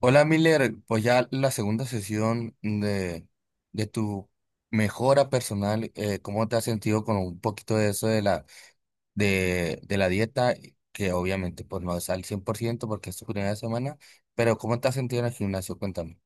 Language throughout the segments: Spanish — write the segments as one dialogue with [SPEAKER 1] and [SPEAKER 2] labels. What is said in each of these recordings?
[SPEAKER 1] Hola Miller, pues ya la segunda sesión de tu mejora personal, ¿cómo te has sentido con un poquito de eso de la dieta? Que obviamente pues no es al 100% porque es tu primera semana, pero ¿cómo te has sentido en el gimnasio? Cuéntame.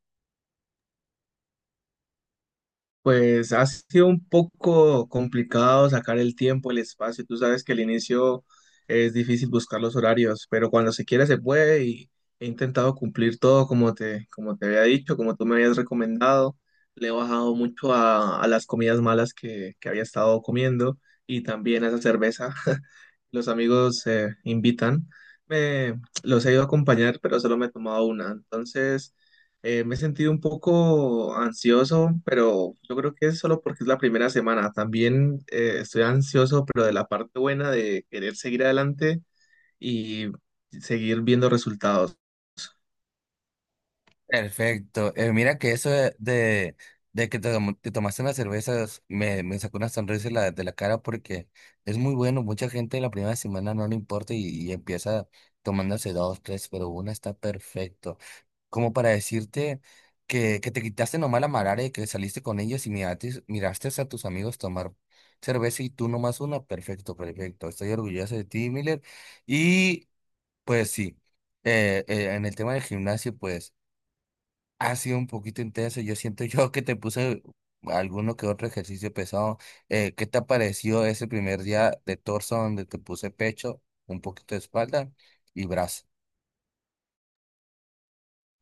[SPEAKER 2] Pues ha sido un poco complicado sacar el tiempo, el espacio. Tú sabes que al inicio es difícil buscar los horarios, pero cuando se quiere se puede y he intentado cumplir todo como te había dicho, como tú me habías recomendado. Le he bajado mucho a las comidas malas que había estado comiendo y también a esa cerveza. Los amigos invitan. Los he ido a acompañar, pero solo me he tomado una. Entonces me he sentido un poco ansioso, pero yo creo que es solo porque es la primera semana. También estoy ansioso, pero de la parte buena de querer seguir adelante y seguir viendo resultados.
[SPEAKER 1] Perfecto. Mira que eso de que te tomaste unas cervezas me sacó una sonrisa de la cara porque es muy bueno. Mucha gente la primera semana no le importa y empieza tomándose dos, tres, pero una está perfecto, como para decirte que te quitaste nomás la marara y que saliste con ellos y miraste a tus amigos tomar cerveza y tú nomás una. Perfecto, perfecto. Estoy orgulloso de ti, Miller. Y pues sí, en el tema del gimnasio, pues ha sido un poquito intenso. Yo siento yo que te puse alguno que otro ejercicio pesado. ¿Qué te pareció ese primer día de torso donde te puse pecho, un poquito de espalda y brazo?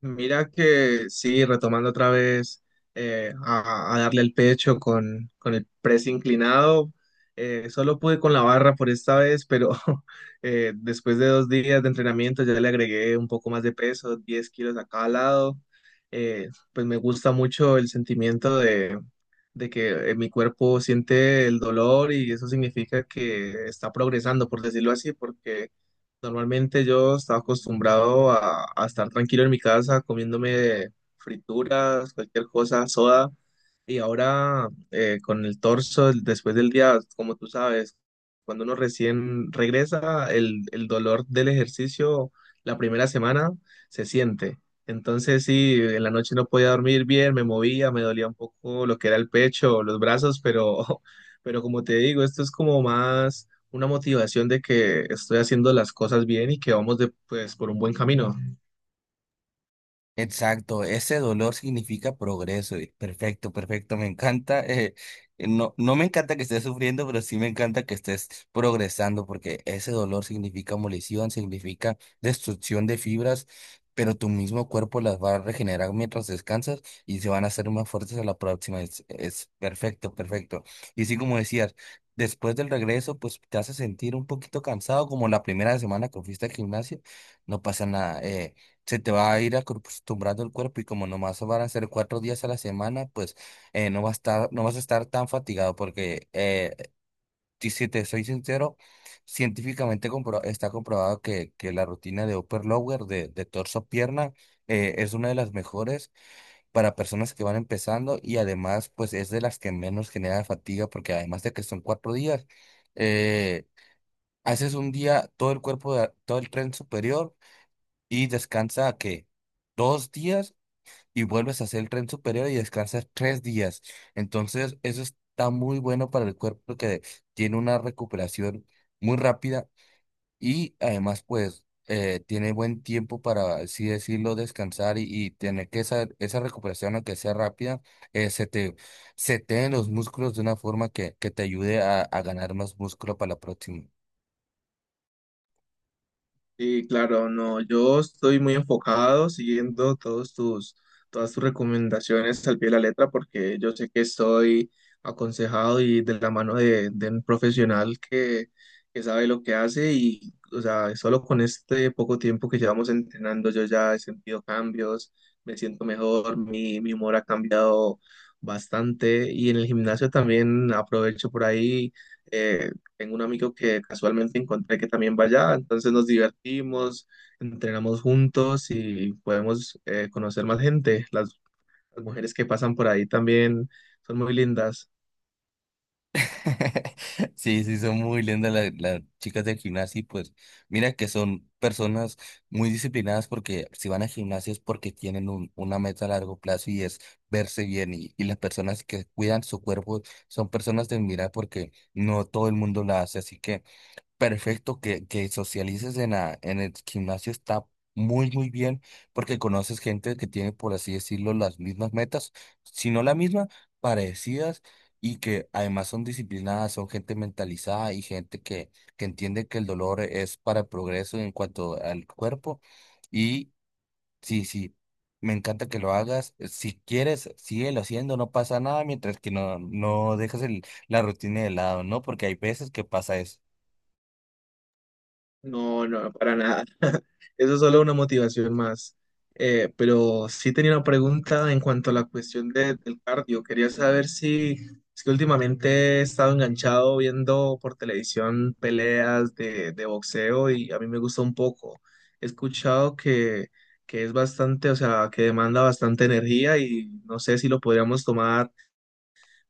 [SPEAKER 2] Mira que sí, retomando otra vez a darle el pecho con el press inclinado, solo pude con la barra por esta vez, pero después de dos días de entrenamiento ya le agregué un poco más de peso, 10 kilos a cada lado. Pues me gusta mucho el sentimiento de que mi cuerpo siente el dolor y eso significa que está progresando, por decirlo así. Porque normalmente yo estaba acostumbrado a estar tranquilo en mi casa comiéndome frituras, cualquier cosa, soda. Y ahora con el torso, después del día, como tú sabes, cuando uno recién regresa, el dolor del ejercicio la primera semana se siente. Entonces sí, en la noche no podía dormir bien, me movía, me dolía un poco lo que era el pecho, los brazos, pero pero como te digo, esto es como más una motivación de que estoy haciendo las cosas bien y que vamos de, pues, por un buen camino.
[SPEAKER 1] Exacto, ese dolor significa progreso y perfecto, perfecto, me encanta. No, no me encanta que estés sufriendo, pero sí me encanta que estés progresando, porque ese dolor significa molición, significa destrucción de fibras, pero tu mismo cuerpo las va a regenerar mientras descansas y se van a hacer más fuertes a la próxima. Es perfecto, perfecto. Y sí, como decías, después del regreso, pues te hace sentir un poquito cansado, como la primera semana que fuiste al gimnasio, no pasa nada. Se te va a ir acostumbrando el cuerpo y como nomás van a ser 4 días a la semana, pues no vas a estar tan fatigado porque y si te soy sincero, científicamente está comprobado que la rutina de upper lower de torso pierna es una de las mejores para personas que van empezando y además pues es de las que menos genera fatiga porque además de que son 4 días, eh, haces un día todo el cuerpo, todo el tren superior y descansa que 2 días y vuelves a hacer el tren superior y descansas 3 días. Entonces, eso está muy bueno para el cuerpo que tiene una recuperación muy rápida y además, pues, tiene buen tiempo para, así decirlo, descansar y tener que esa recuperación, aunque sea rápida, se te seteen los músculos de una forma que te ayude a ganar más músculo para la próxima.
[SPEAKER 2] Sí, claro, no, yo estoy muy enfocado siguiendo todas tus recomendaciones al pie de la letra, porque yo sé que estoy aconsejado y de la mano de un profesional que sabe lo que hace. Y, o sea, solo con este poco tiempo que llevamos entrenando yo ya he sentido cambios, me siento mejor, mi humor ha cambiado bastante, y en el gimnasio también aprovecho por ahí. eh, Tengo un amigo que casualmente encontré que también va allá, entonces nos divertimos, entrenamos juntos y podemos conocer más gente. Las mujeres que pasan por ahí también son muy lindas.
[SPEAKER 1] Sí, sí, son muy lindas las chicas del gimnasio y pues mira que son personas muy disciplinadas porque si van al gimnasio es porque tienen una meta a largo plazo y es verse bien y las personas que cuidan su cuerpo son personas de admirar porque no todo el mundo la hace, así que perfecto, que socialices en el gimnasio está muy, muy bien porque conoces gente que tiene, por así decirlo, las mismas metas, si no la misma, parecidas y que además son disciplinadas, son gente mentalizada y gente que entiende que el dolor es para el progreso en cuanto al cuerpo. Y sí, sí, me encanta que lo hagas. Si quieres, síguelo haciendo, no pasa nada mientras que no, no dejas la rutina de lado, ¿no? Porque hay veces que pasa eso.
[SPEAKER 2] No, no, para nada. Eso es solo una motivación más. Pero sí tenía una pregunta en cuanto a la cuestión del cardio. Quería saber si es que últimamente he estado enganchado viendo por televisión peleas de boxeo y a mí me gusta un poco. He escuchado que es bastante, o sea, que demanda bastante energía, y no sé si lo podríamos tomar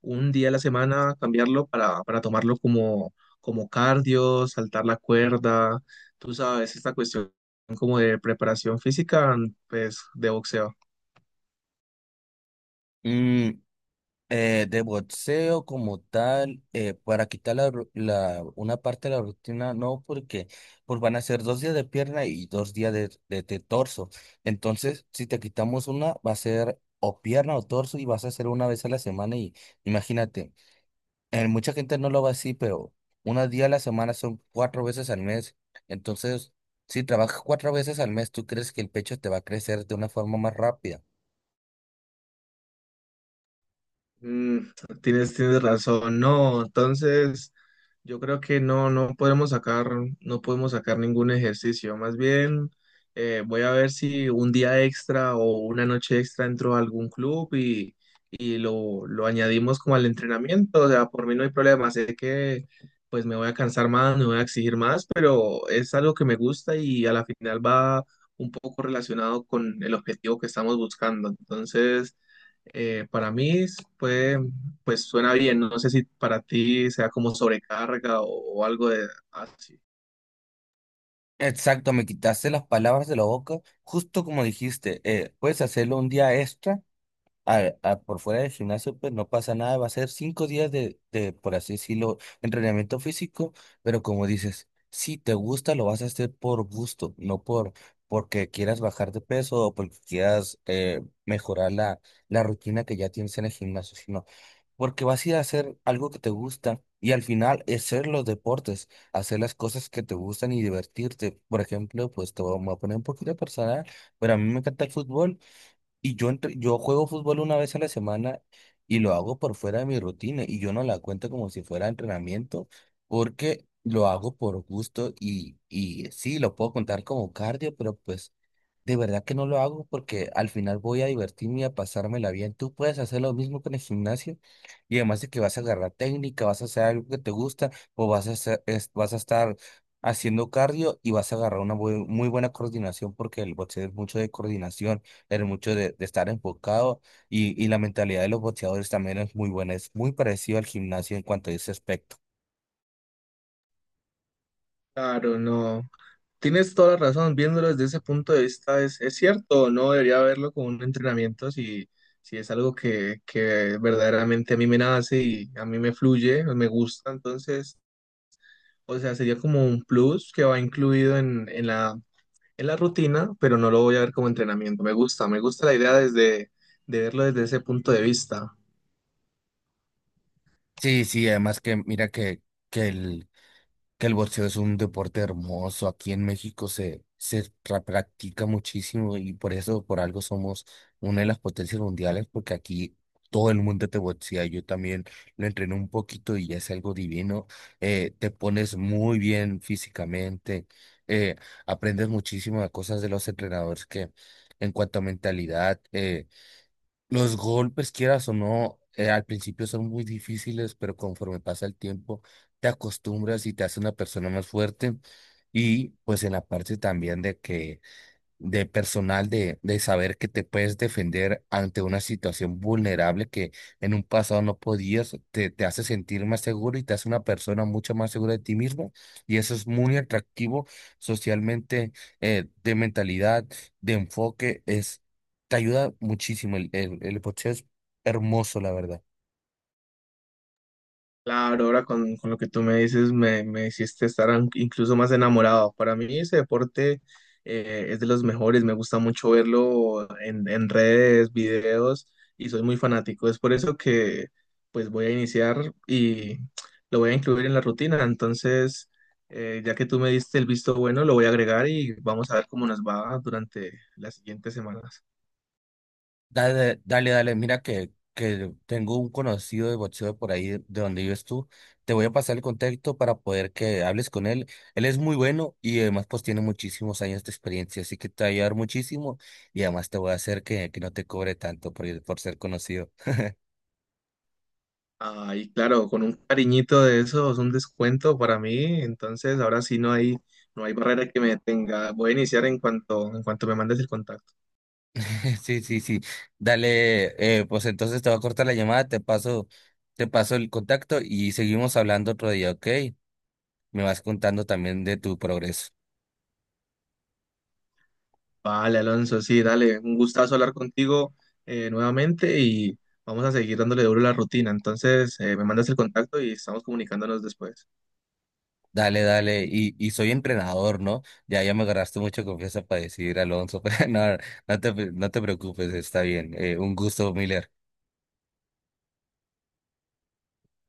[SPEAKER 2] un día a la semana, cambiarlo para tomarlo como, como cardio, saltar la cuerda, tú sabes, esta cuestión como de preparación física, pues de boxeo.
[SPEAKER 1] De boxeo como tal, para quitar una parte de la rutina, no, porque pues van a ser 2 días de pierna y 2 días de torso. Entonces, si te quitamos una, va a ser o pierna o torso y vas a hacer una vez a la semana y imagínate, mucha gente no lo va así, pero unos días a la semana son 4 veces al mes. Entonces, si trabajas 4 veces al mes, ¿tú crees que el pecho te va a crecer de una forma más rápida?
[SPEAKER 2] Mm, tienes razón. No, entonces yo creo que no podemos sacar ningún ejercicio. Más bien, voy a ver si un día extra o una noche extra entro a algún club, y lo añadimos como al entrenamiento. O sea, por mí no hay problema. Sé que pues me voy a cansar más, me voy a exigir más, pero es algo que me gusta y a la final va un poco relacionado con el objetivo que estamos buscando. Entonces para mí pues, pues suena bien, no sé si para ti sea como sobrecarga o algo de así.
[SPEAKER 1] Exacto, me quitaste las palabras de la boca, justo como dijiste, puedes hacerlo un día extra por fuera del gimnasio, pues no pasa nada, va a ser 5 días por así decirlo, entrenamiento físico, pero como dices, si te gusta, lo vas a hacer por gusto, no porque quieras bajar de peso o porque quieras mejorar la rutina que ya tienes en el gimnasio, sino porque vas a ir a hacer algo que te gusta y al final hacer los deportes, hacer las cosas que te gustan y divertirte. Por ejemplo, pues te voy me voy a poner un poquito personal, pero a mí me encanta el fútbol y yo juego fútbol una vez a la semana y lo hago por fuera de mi rutina y yo no la cuento como si fuera entrenamiento porque lo hago por gusto y sí, lo puedo contar como cardio, pero pues de verdad que no lo hago porque al final voy a divertirme y a pasármela bien. Tú puedes hacer lo mismo con el gimnasio y además de que vas a agarrar técnica, vas a hacer algo que te gusta o vas a estar haciendo cardio y vas a agarrar una muy buena coordinación porque el boxeo es mucho de coordinación el mucho de estar enfocado y la mentalidad de los boxeadores también es muy buena, es muy parecido al gimnasio en cuanto a ese aspecto.
[SPEAKER 2] Claro, no. Tienes toda la razón, viéndolo desde ese punto de vista es cierto, no debería verlo como un entrenamiento si, si es algo que verdaderamente a mí me nace y a mí me fluye, me gusta. Entonces, o sea, sería como un plus que va incluido en la rutina, pero no lo voy a ver como entrenamiento. Me gusta la idea desde, de verlo desde ese punto de vista.
[SPEAKER 1] Sí, sí, además que mira que el, que el boxeo es un deporte hermoso. Aquí en México practica muchísimo y por eso, por algo somos una de las potencias mundiales, porque aquí todo el mundo te boxea. Yo también lo entrené un poquito y es algo divino. Te pones muy bien físicamente, eh, aprendes muchísimas cosas de los entrenadores que en cuanto a mentalidad. Los golpes, quieras o no, al principio son muy difíciles, pero conforme pasa el tiempo, te acostumbras y te hace una persona más fuerte. Y pues en la parte también de que de personal de saber que te puedes defender ante una situación vulnerable que en un pasado no podías, te hace sentir más seguro y te hace una persona mucho más segura de ti mismo. Y eso es muy atractivo socialmente, de mentalidad, de enfoque, es, te ayuda muchísimo. El boxeo es hermoso, la verdad.
[SPEAKER 2] Claro, ahora con lo que tú me dices me hiciste estar incluso más enamorado. Para mí ese deporte es de los mejores, me gusta mucho verlo en redes, videos, y soy muy fanático. Es por eso que pues voy a iniciar y lo voy a incluir en la rutina. Entonces, ya que tú me diste el visto bueno, lo voy a agregar y vamos a ver cómo nos va durante las siguientes semanas.
[SPEAKER 1] Dale, dale, dale, mira que tengo un conocido de boxeo por ahí de donde vives tú. Te voy a pasar el contacto para poder que hables con él. Él es muy bueno y además pues tiene muchísimos años de experiencia, así que te va a ayudar muchísimo y además te voy a hacer que no te cobre tanto por, por ser conocido.
[SPEAKER 2] Ay, claro, con un cariñito de esos, un descuento para mí, entonces ahora sí no hay barrera que me detenga. Voy a iniciar en cuanto me mandes el contacto.
[SPEAKER 1] Sí, sí, sí. Dale, pues entonces te voy a cortar la llamada, te paso el contacto y seguimos hablando otro día, ¿ok? Me vas contando también de tu progreso.
[SPEAKER 2] Vale, Alonso, sí, dale, un gustazo hablar contigo nuevamente, y vamos a seguir dándole duro a la rutina. Entonces, me mandas el contacto y estamos comunicándonos después.
[SPEAKER 1] Dale, dale, y soy entrenador, ¿no? Ya, ya me agarraste mucha confianza para decir, Alonso, pero no, no te preocupes, está bien. Un gusto, Miller.